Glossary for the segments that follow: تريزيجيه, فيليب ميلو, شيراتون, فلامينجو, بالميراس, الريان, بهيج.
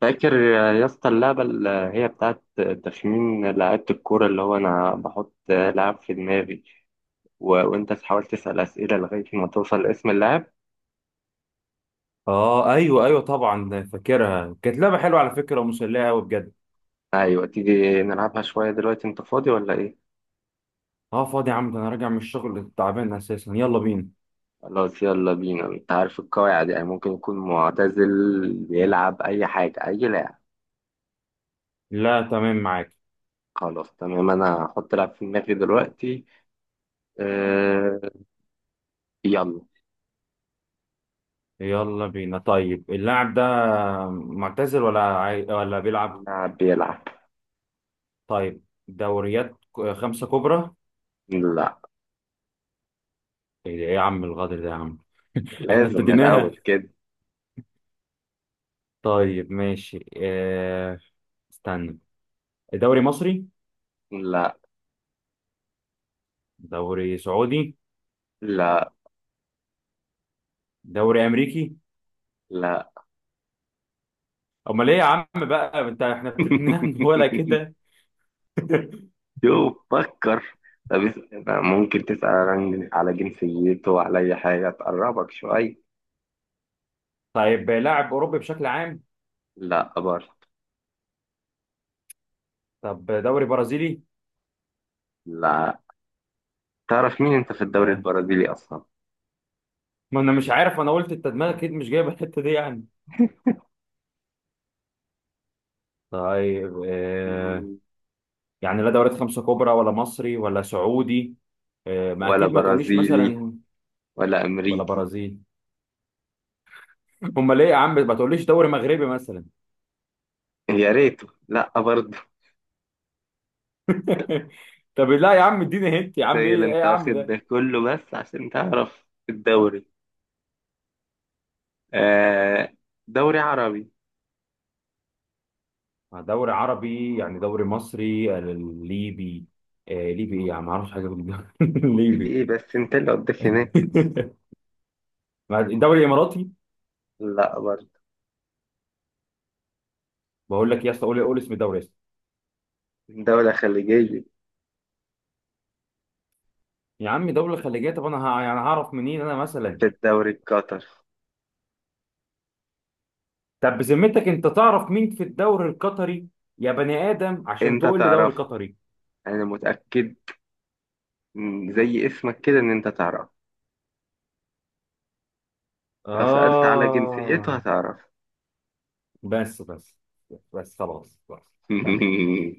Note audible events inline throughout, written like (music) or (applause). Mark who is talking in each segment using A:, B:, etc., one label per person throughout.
A: فاكر يا اسطى اللعبة اللي هي بتاعت تخمين لعيبة الكورة، اللي هو أنا بحط لاعب في دماغي وأنت تحاول تسأل أسئلة لغاية ما توصل لاسم اللاعب.
B: اه، ايوه ايوه، طبعا فاكرها. كانت لعبه حلوه على فكره ومسليه قوي بجد.
A: أيوة، تيجي نلعبها شوية دلوقتي؟ أنت فاضي ولا إيه؟
B: اه، فاضي يا عم، ده انا راجع من الشغل تعبان اساسا. يلا بينا.
A: خلاص، يلا بينا. أنت عارف القواعد، يعني ممكن يكون معتزل، بيلعب أي حاجة، أي لاعب.
B: لا، تمام معاك.
A: خلاص تمام، أنا هحط لاعب في دماغي دلوقتي. أه... يلا.
B: يلا بينا. طيب، اللاعب ده معتزل ولا ولا بيلعب؟
A: لاعب بيلعب.
B: طيب، دوريات خمسه كبرى.
A: لا.
B: إيه يا عم الغدر ده يا عم؟ (laughs) احنا
A: لازم الأول
B: ابتديناها.
A: كده.
B: طيب ماشي. اه... استنى. دوري مصري.
A: لا.
B: دوري سعودي.
A: لا.
B: دوري امريكي.
A: لا.
B: امال ايه يا عم بقى انت، احنا ابتديناها من ولا
A: (laughs)
B: كده؟ (laughs)
A: شوف، فكر. طب ممكن تسأل على جنسيته وعلى أي حاجة تقربك شوية.
B: طيب، لاعب اوروبي بشكل عام؟
A: لا برضه.
B: طب دوري برازيلي؟
A: لا. تعرف مين أنت في الدوري
B: آه.
A: البرازيلي أصلا؟
B: ما انا مش عارف، انا قلت انت دماغك اكيد مش جايبه الحته دي يعني.
A: (laughs)
B: طيب. آه.
A: مم.
B: يعني لا دوريات خمسه كبرى ولا مصري ولا سعودي. آه. ما
A: ولا
B: اكيد ما تقوليش
A: برازيلي،
B: مثلا
A: ولا
B: ولا
A: أمريكي.
B: برازيل. امال ليه يا عم ما تقوليش دوري مغربي مثلا؟
A: يا ريته. لا برضه.
B: (laughs) طب لا يا عم، اديني هنت يا عم، ايه
A: تخيل
B: ايه
A: أنت
B: يا عم
A: واخد ده
B: ده؟
A: كله بس عشان تعرف الدوري. آه، دوري عربي.
B: دوري عربي يعني دوري مصري. ليبي. آه ليبي، ايه يا عم ما اعرفش حاجه في الدوري (laughs)
A: بيجي
B: الليبي.
A: إيه بس؟ أنت اللي قدك هناك.
B: (laughs) الدوري الاماراتي.
A: لا برضه.
B: بقول لك يا اسطى، قول قول اسم دوله يا اسطى.
A: دولة خليجية.
B: يا عم دوله خليجيه، طب انا يعني هعرف منين انا مثلا؟
A: في الدوري القطري.
B: طب بذمتك انت تعرف مين في الدوري القطري؟ يا بني ادم عشان
A: انت
B: تقول لي دوري
A: تعرفها،
B: قطري.
A: انا متأكد. زي اسمك كده، ان انت تعرفها. لو سألت على جنسيته
B: اه.
A: هتعرف.
B: بس بس. بس خلاص خلاص. تمام.
A: (laughs)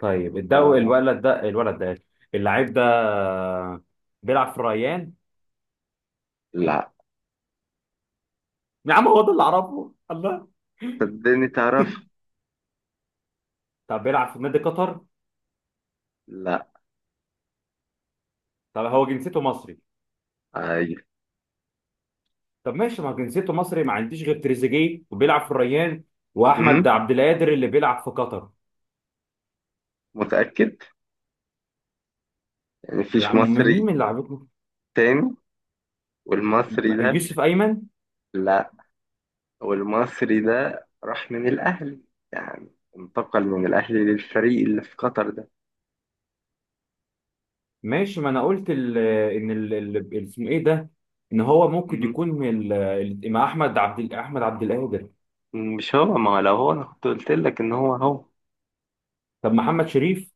B: طيب
A: آه.
B: الولد ده اللعيب ده بيلعب في الريان؟
A: لا،
B: يا عم هو ده اللي اعرفه، الله.
A: صدقني تعرف.
B: طب بيلعب في نادي قطر؟
A: لا.
B: طب هو جنسيته مصري؟
A: ايوه.
B: طب ماشي، ما جنسيته مصري، ما عنديش غير تريزيجيه وبيلعب في الريان،
A: م؟
B: واحمد عبد القادر اللي بيلعب في قطر.
A: متأكد، يعني
B: يا
A: مفيش
B: عم مين مين
A: مصري
B: اللي لعبته؟
A: تاني؟ والمصري ده؟
B: يوسف ايمن.
A: لا. والمصري ده راح من الاهلي، يعني انتقل من الاهلي للفريق اللي في قطر ده.
B: ماشي، ما انا قلت ال ان ال- ال- اسمه ايه ده، ان هو ممكن
A: م؟
B: يكون من مع احمد عبد القادر.
A: مش هو. ما هو لو هو، انا كنت قلت لك ان هو هو.
B: طب محمد شريف.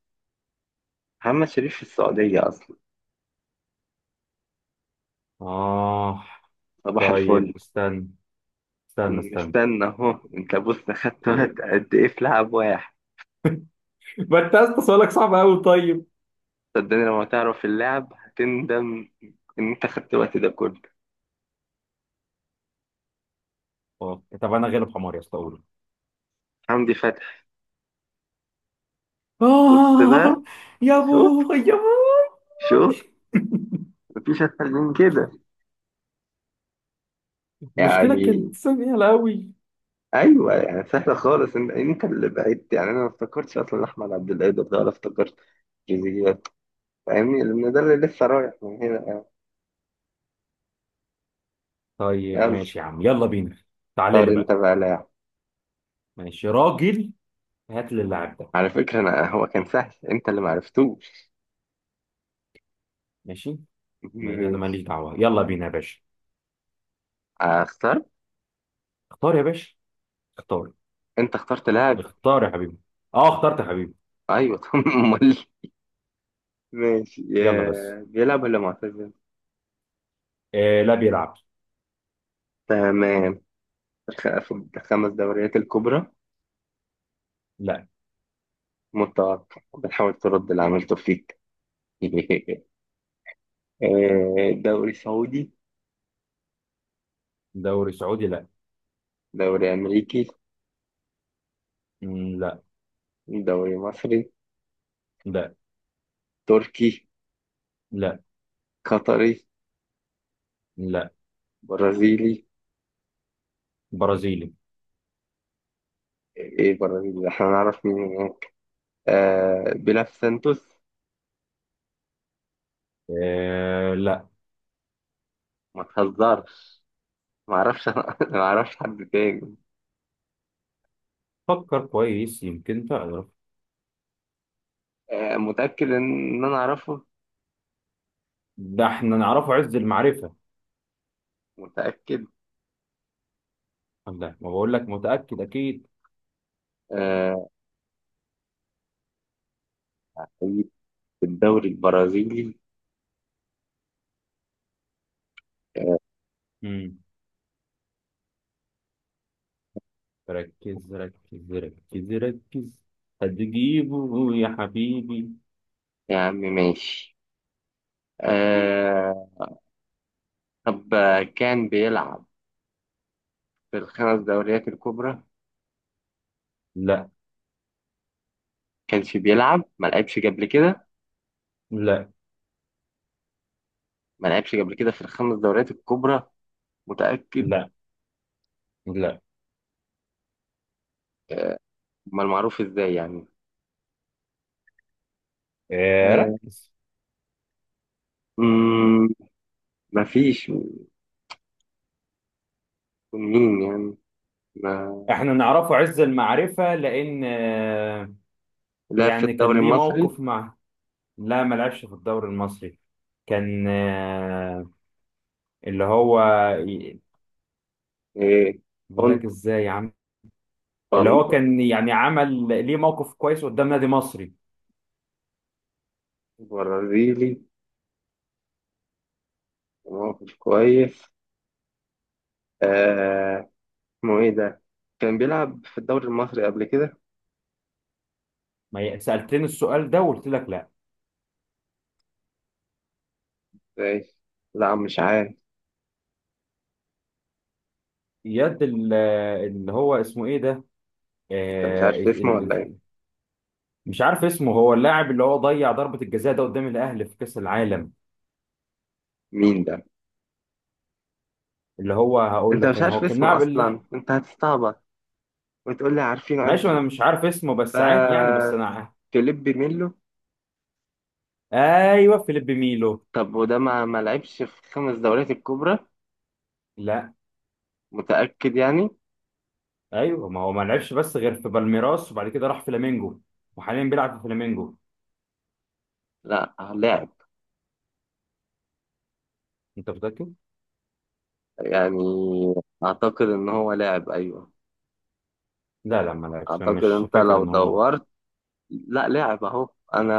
A: محمد شريف في السعودية اصلا.
B: اه.
A: صباح الفل.
B: طيب استنى. استنى
A: أنا
B: استنى.
A: مستنى أهو. أنت بص أخدت وقت
B: (laughs)
A: قد إيه في لعب واحد!
B: ما انت يا اسطى سؤالك صعب قوي. طيب.
A: صدقني لما تعرف اللعب هتندم إن أنت أخدت الوقت ده كله.
B: اه طب انا غالب حمار يا اسطى، قول.
A: حمدي فتحي. شفت ده؟
B: آه. يا
A: شفت؟
B: بوي يا بوي.
A: شفت؟ مفيش أسهل من كده
B: (laughs) المشكلة
A: يعني.
B: كانت سمينة أوي.
A: أيوه، يعني سهلة خالص. أنت اللي بعدت، يعني أنا ما افتكرتش أصلا أحمد عبد القادر ده، ولا افتكرت جزئيات. فاهمني، لأن ده اللي لسه رايح من هنا يعني.
B: طيب
A: يلا،
B: ماشي يا عم، يلا بينا. تعالى
A: اختار
B: لي
A: أنت
B: بقى.
A: بقى لاعب.
B: ماشي راجل. هات لي اللاعب ده.
A: على فكرة أنا هو كان سهل، أنت اللي معرفتوش.
B: ماشي.
A: (laughs)
B: أنا
A: ماشي.
B: ماليش دعوة، يلا بينا يا باشا.
A: آه، اختار.
B: اختار يا باشا. اختار.
A: انت اخترت لاعب؟
B: اختار يا حبيبي. اه اخترت يا حبيبي.
A: ايوه. (laughs) طب امال. ماشي.
B: يلا بس.
A: آه، بيلعب ولا معتزل؟
B: آه، لا بيلعب.
A: تمام. في الخمس دوريات الكبرى؟
B: لا.
A: متوقع، بنحاول ترد اللي عملته فيك. (laughs) آه، دوري سعودي.
B: دوري سعودي لا.
A: دوري امريكي.
B: مم، لا.
A: دوري مصري.
B: لا.
A: تركي.
B: لا.
A: قطري.
B: لا.
A: برازيلي؟
B: برازيلي.
A: ايه برازيلي؟ احنا نعرف مين؟ آه، بيلعب في سانتوس.
B: آه لا.
A: ما تهزرش. ما اعرفش. (laughs) انا ما اعرفش حد تاني.
B: فكر كويس يمكن تعرف.
A: آه، متأكد ان انا اعرفه.
B: ده احنا نعرفه عز المعرفة.
A: متأكد.
B: ده ما بقول لك متأكد أكيد.
A: آه، في الدوري البرازيلي. آه،
B: مم. ركز ركز ركز ركز. هتجيبه يا حبيبي.
A: يا عم ماشي. آه، طب كان بيلعب في الخمس دوريات الكبرى؟
B: لا.
A: كانش بيلعب؟ ما لعبش قبل كده؟
B: لا.
A: ما لعبش قبل كده في الخمس دوريات الكبرى؟ متأكد؟
B: لا. لا.
A: آه، امال معروف ازاي يعني؟
B: اه،
A: آه،
B: ركز.
A: مم، مفيش. مين يعني؟ ما
B: احنا نعرفه عز المعرفة لأن آه،
A: لا، في
B: يعني
A: الدوري
B: كان ليه
A: المصري؟
B: موقف مع- لا ما لعبش في الدوري المصري. كان آه، اللي هو-
A: إيه،
B: بقول لك
A: كنت
B: ازاي يا عم. اللي هو
A: كنت
B: كان يعني عمل ليه موقف كويس قدام نادي مصري.
A: برازيلي. موقف كويس. آه، اسمه ايه ده؟ كان بيلعب في الدوري المصري قبل كده؟
B: ما سألتني السؤال ده وقلت لك لا.
A: ازاي؟ لا، مش عارف.
B: يد ال- اللي هو اسمه ايه ده؟
A: انت مش
B: آه،
A: عارف اسمه ولا ايه؟
B: مش عارف اسمه. هو اللاعب اللي هو ضيع ضربة الجزاء ده قدام الاهلي في كأس العالم.
A: مين ده؟
B: اللي هو، هقول
A: انت
B: لك
A: مش
B: انا
A: عارف
B: هو كان
A: اسمه
B: لاعب
A: اصلا، انت هتستعبط وتقول لي عارفين
B: معلش
A: عز؟
B: انا مش عارف اسمه بس عادي يعني، بس
A: بس.
B: انا
A: فيليب ميلو.
B: ايوه فيليب ميلو.
A: طب وده ما لعبش في خمس دوريات الكبرى؟
B: لا.
A: متأكد يعني؟
B: ايوه، ما هو ما لعبش بس غير في بالميراس، وبعد كده راح فلامينجو. وحاليا بيلعب في فلامينجو.
A: لا، لعب
B: انت متأكد؟
A: يعني. اعتقد ان هو لاعب، ايوه.
B: لا لا، ما لعبش. أنا
A: اعتقد
B: مش
A: انت
B: فاكر
A: لو
B: ان هو.
A: دورت. لا، لاعب اهو. انا،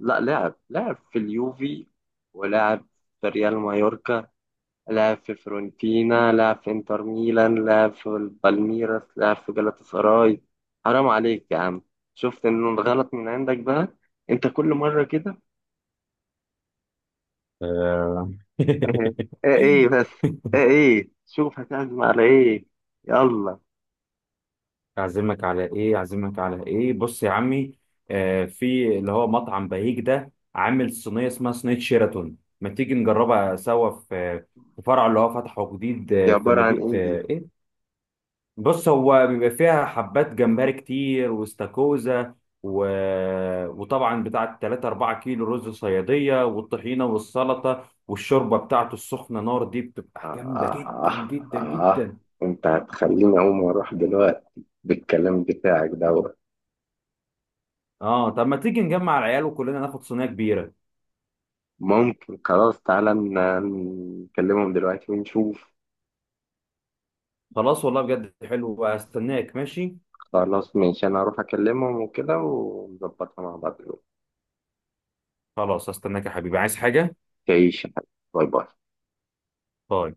A: لا، لاعب في اليوفي، ولاعب في ريال مايوركا. لعب في فرونتينا، لعب في انتر ميلان، لعب في البالميراس، لعب في جالاتا سراي. حرام عليك يا عم. شفت ان الغلط من عندك بقى؟ انت كل مرة كده.
B: آه.
A: (laughs) ايه ايه
B: (laughs)
A: بس. ايه ايه، شوف هتعزم على ايه؟ يلا.
B: اعزمك على ايه؟ اعزمك على ايه؟ بص يا عمي، آه، في اللي هو مطعم بهيج ده عامل صينيه اسمها صينيه شيراتون. ما تيجي نجربها سوا في فرع اللي هو فتحه جديد،
A: دي
B: آه، في
A: عبارة عن
B: مدينه في-
A: ايه دي؟
B: ايه؟ بص، هو بيبقى فيها حبات جمبري كتير واستاكوزا و... وطبعا بتاعه 3 4 كيلو رز صياديه والطحينه والسلطه والشوربه بتاعته السخنه نار، دي بتبقى
A: آه
B: جامده
A: آه.
B: جدا جدا
A: آه آه.
B: جدا.
A: انت هتخليني اقوم واروح دلوقتي بالكلام بتاعك دوت!
B: اه، طب ما تيجي نجمع العيال وكلنا ناخد صينيه كبيره.
A: ممكن. خلاص، تعالى نكلمهم دلوقتي ونشوف.
B: خلاص والله بجد حلو، هستناك ماشي.
A: خلاص ماشي، انا هروح اكلمهم وكده ونظبطها مع بعض.
B: خلاص هستناك يا حبيبي، عايز حاجة؟
A: تعيش يا حبيبي. باي باي.
B: باي.